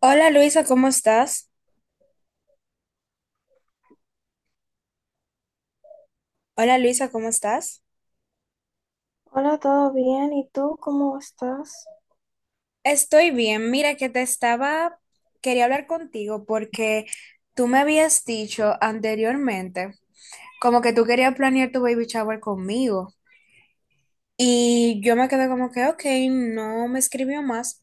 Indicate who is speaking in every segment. Speaker 1: Hola, Luisa, ¿cómo estás? Hola, Luisa, ¿cómo estás?
Speaker 2: Hola, ¿todo bien? ¿Y tú cómo estás?
Speaker 1: Estoy bien. Mira que te estaba, quería hablar contigo porque tú me habías dicho anteriormente como que tú querías planear tu baby shower conmigo y yo me quedé como que, ok, no me escribió más.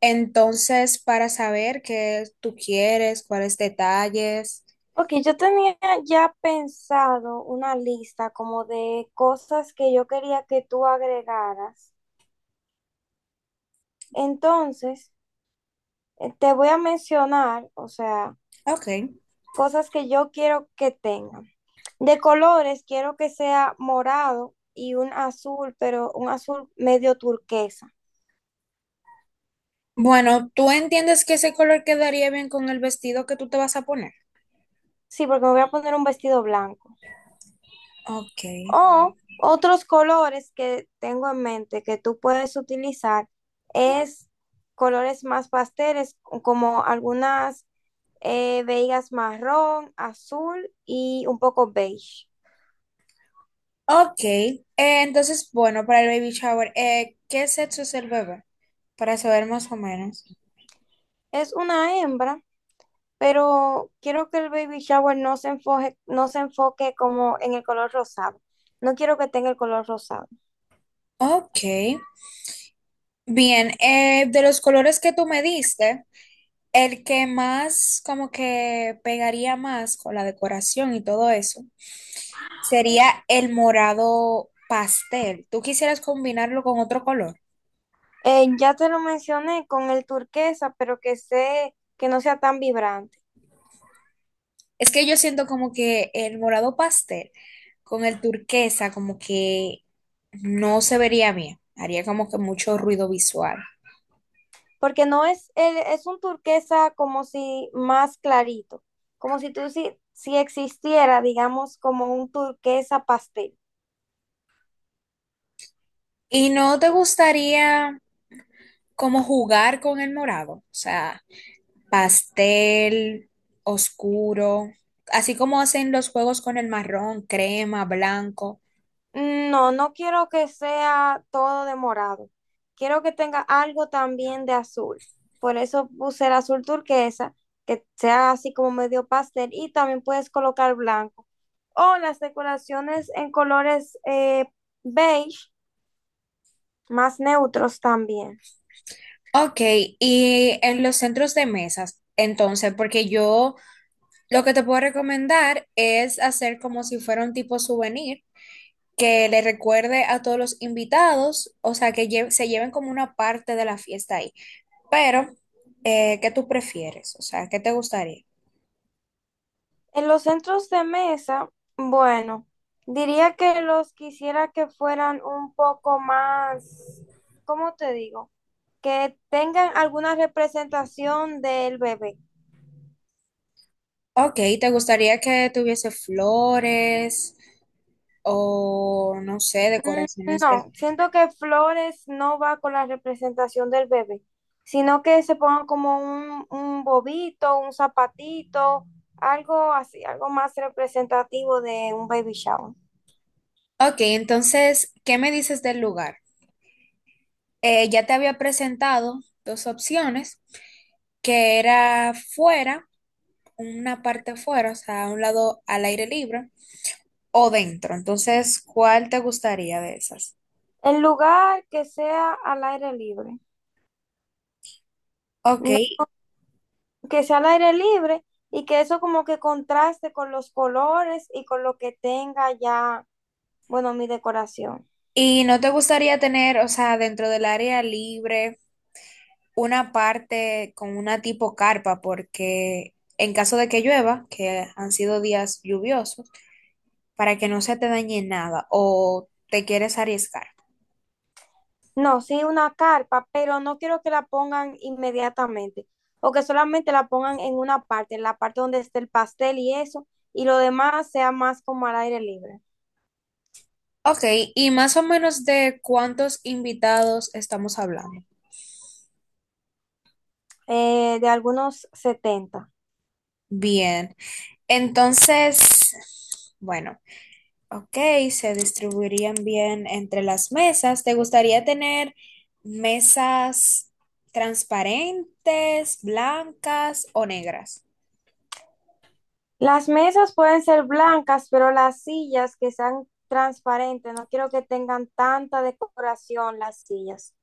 Speaker 1: Entonces, para saber qué tú quieres, cuáles detalles.
Speaker 2: Ok, yo tenía ya pensado una lista como de cosas que yo quería que tú agregaras. Entonces, te voy a mencionar, o sea,
Speaker 1: Ok.
Speaker 2: cosas que yo quiero que tengan. De colores, quiero que sea morado y un azul, pero un azul medio turquesa.
Speaker 1: Bueno, ¿tú entiendes que ese color quedaría bien con el vestido que tú te vas a poner?
Speaker 2: Sí, porque me voy a poner un vestido blanco.
Speaker 1: Ok.
Speaker 2: O otros colores que tengo en mente que tú puedes utilizar es colores más pasteles, como algunas veigas marrón, azul y un poco beige.
Speaker 1: Ok, entonces, bueno, para el baby shower, ¿qué sexo es el bebé? Para saber más o menos.
Speaker 2: Es una hembra, pero quiero que el baby shower no se enfoque como en el color rosado. No quiero que tenga el color rosado.
Speaker 1: Ok, bien, de los colores que tú me diste, el que más como que pegaría más con la decoración y todo eso sería el morado pastel. ¿Tú quisieras combinarlo con otro color?
Speaker 2: Ya te lo mencioné con el turquesa, pero que sé que no sea tan vibrante,
Speaker 1: Es que yo siento como que el morado pastel con el turquesa como que no se vería bien. Haría como que mucho ruido visual.
Speaker 2: porque no es, el- es un turquesa como si más clarito, como si tú si existiera, digamos, como un turquesa pastel.
Speaker 1: ¿Y no te gustaría como jugar con el morado? O sea, pastel, oscuro, así como hacen los juegos con el marrón, crema, blanco.
Speaker 2: No, no quiero que sea todo de morado, quiero que tenga algo también de azul, por eso puse el azul turquesa, que sea así como medio pastel, y también puedes colocar blanco, o las decoraciones en colores beige, más neutros también.
Speaker 1: Ok, y en los centros de mesas, entonces, porque yo lo que te puedo recomendar es hacer como si fuera un tipo souvenir que le recuerde a todos los invitados, o sea, que se lleven como una parte de la fiesta ahí. Pero, ¿qué tú prefieres? O sea, ¿qué te gustaría?
Speaker 2: En los centros de mesa, bueno, diría que los quisiera que fueran un poco más, ¿cómo te digo? Que tengan alguna representación del bebé.
Speaker 1: Ok, ¿te gustaría que tuviese flores o, no sé,
Speaker 2: Mm,
Speaker 1: decoraciones de...
Speaker 2: no, siento que flores no va con la representación del bebé, sino que se pongan como un bobito, un zapatito, algo así, algo más representativo de un baby shower.
Speaker 1: Ok, entonces, ¿qué me dices del lugar? Ya te había presentado dos opciones, que era fuera una parte afuera, o sea, a un lado al aire libre o dentro. Entonces, ¿cuál te gustaría de esas?
Speaker 2: El lugar que sea al aire libre.
Speaker 1: Ok,
Speaker 2: No, que sea al aire libre y que eso como que contraste con los colores y con lo que tenga ya, bueno, mi decoración.
Speaker 1: ¿y no te gustaría tener, o sea, dentro del área libre, una parte con una tipo carpa? Porque en caso de que llueva, que han sido días lluviosos, para que no se te dañe nada o te quieres arriesgar.
Speaker 2: No, sí, una carpa, pero no quiero que la pongan inmediatamente o que solamente la pongan en una parte, en la parte donde esté el pastel y eso, y lo demás sea más como al aire libre.
Speaker 1: Ok, ¿y más o menos de cuántos invitados estamos hablando?
Speaker 2: De algunos 70.
Speaker 1: Bien, entonces, bueno. Ok, se distribuirían bien entre las mesas. ¿Te gustaría tener mesas transparentes, blancas o negras?
Speaker 2: Las mesas pueden ser blancas, pero las sillas que sean transparentes, no quiero que tengan tanta decoración las sillas.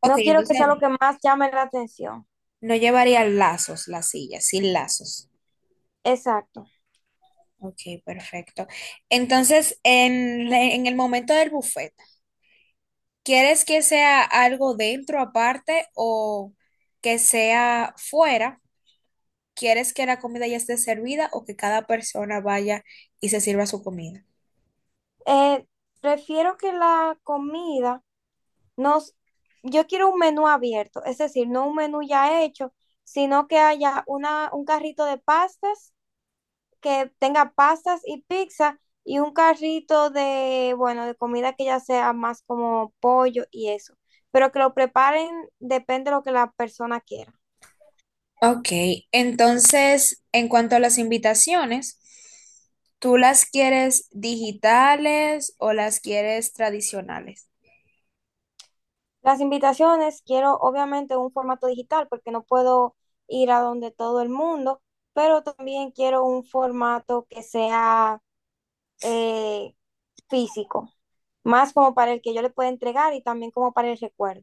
Speaker 1: Ok,
Speaker 2: No quiero que
Speaker 1: entonces
Speaker 2: sea lo que más llame la atención.
Speaker 1: no llevaría lazos las sillas, sin lazos.
Speaker 2: Exacto.
Speaker 1: Ok, perfecto. Entonces, en el momento del buffet, ¿quieres que sea algo dentro aparte o que sea fuera? ¿Quieres que la comida ya esté servida o que cada persona vaya y se sirva su comida?
Speaker 2: Eh, Prefiero que Nos, yo quiero un menú abierto, es decir, no un menú ya hecho, sino que haya un carrito de pastas, que tenga pastas y pizza, y un carrito de, bueno, de comida que ya sea más como pollo y eso. Pero que lo preparen depende de lo que la persona quiera.
Speaker 1: Ok, entonces, en cuanto a las invitaciones, ¿tú las quieres digitales o las quieres tradicionales?
Speaker 2: Las invitaciones quiero obviamente un formato digital porque no puedo ir a donde todo el mundo, pero también quiero un formato que sea eh, físico, más como para el que yo le pueda entregar y también como para el recuerdo.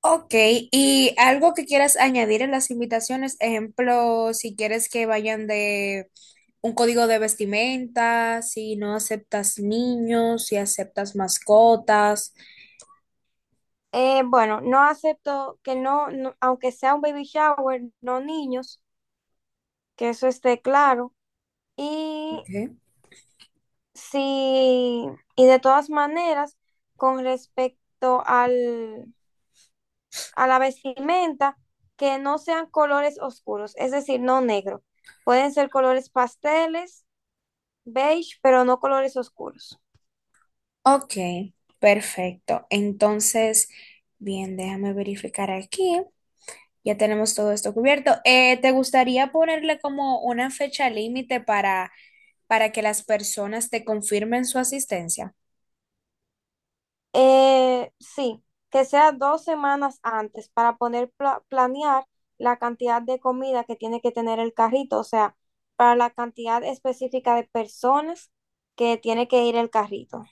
Speaker 1: Ok, y algo que quieras añadir en las invitaciones, ejemplo, si quieres que vayan de un código de vestimenta, si no aceptas niños, si aceptas mascotas.
Speaker 2: Bueno, no acepto que no, no- aunque sea un baby shower, no niños, que eso esté claro. Y
Speaker 1: Ok.
Speaker 2: sí, y de todas maneras, con respecto al a la vestimenta que no sean colores oscuros, es decir, no negro. Pueden ser colores pasteles, beige, pero no colores oscuros.
Speaker 1: Ok, perfecto. Entonces, bien, déjame verificar aquí. Ya tenemos todo esto cubierto. ¿Te gustaría ponerle como una fecha límite para que las personas te confirmen su asistencia?
Speaker 2: Sí, que sea 2 semanas antes para poder planear la cantidad de comida que tiene que tener el carrito, o sea, para la cantidad específica de personas que tiene que ir el carrito.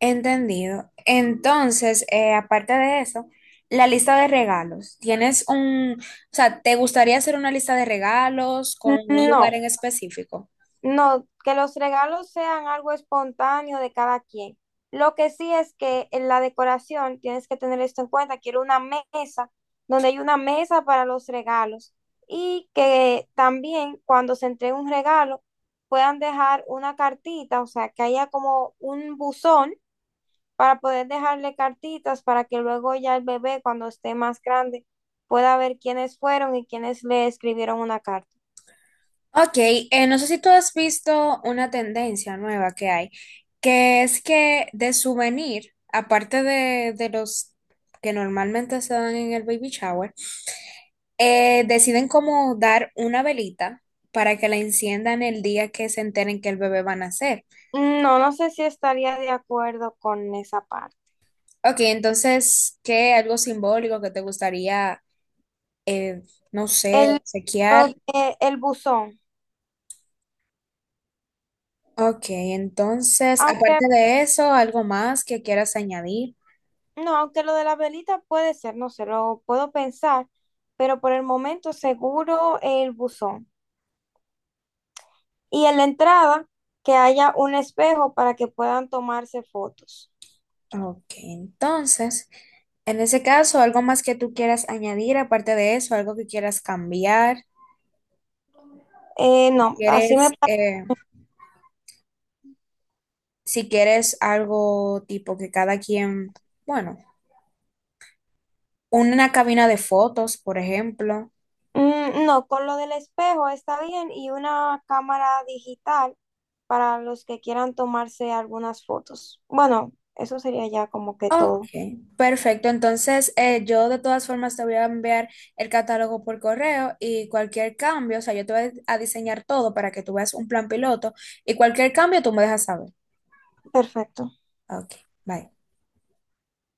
Speaker 1: Entendido. Entonces, aparte de eso, la lista de regalos. ¿Tienes un, o sea, ¿te gustaría hacer una lista de regalos con un lugar
Speaker 2: No,
Speaker 1: en específico?
Speaker 2: no, que los regalos sean algo espontáneo de cada quien. Lo que sí es que en la decoración tienes que tener esto en cuenta. Quiero una mesa donde hay una mesa para los regalos, y que también cuando se entregue un regalo puedan dejar una cartita, o sea, que haya como un buzón para poder dejarle cartitas para que luego ya el bebé, cuando esté más grande, pueda ver quiénes fueron y quiénes le escribieron una carta.
Speaker 1: Ok, no sé si tú has visto una tendencia nueva que hay, que es que de souvenir, aparte de los que normalmente se dan en el baby shower, deciden como dar una velita para que la enciendan el día que se enteren que el bebé va a nacer.
Speaker 2: Mm, no, no sé si estaría de acuerdo con esa parte.
Speaker 1: Ok, entonces, ¿qué algo simbólico que te gustaría, eh, no sé,
Speaker 2: El,
Speaker 1: obsequiar?
Speaker 2: el buzón.
Speaker 1: Ok, entonces,
Speaker 2: Aunque
Speaker 1: aparte de eso, ¿algo más que quieras añadir?
Speaker 2: No, aunque lo de la velita puede ser, no sé, lo puedo pensar, pero por el momento seguro el buzón. Y en la entrada, que haya un espejo para que puedan tomarse fotos.
Speaker 1: Ok, entonces, en ese caso, algo más que tú quieras añadir, aparte de eso, algo que quieras cambiar, si
Speaker 2: No, así me...
Speaker 1: quieres,
Speaker 2: pa-
Speaker 1: si quieres algo tipo que cada quien, bueno, una cabina de fotos, por ejemplo.
Speaker 2: Mm, no, con lo del espejo está bien y una cámara digital para los que quieran tomarse algunas fotos. Bueno, eso sería ya como que
Speaker 1: Ok,
Speaker 2: todo.
Speaker 1: perfecto. Entonces, yo de todas formas te voy a enviar el catálogo por correo y cualquier cambio, o sea, yo te voy a diseñar todo para que tú veas un plan piloto y cualquier cambio tú me dejas saber.
Speaker 2: Perfecto.
Speaker 1: Ok, bye.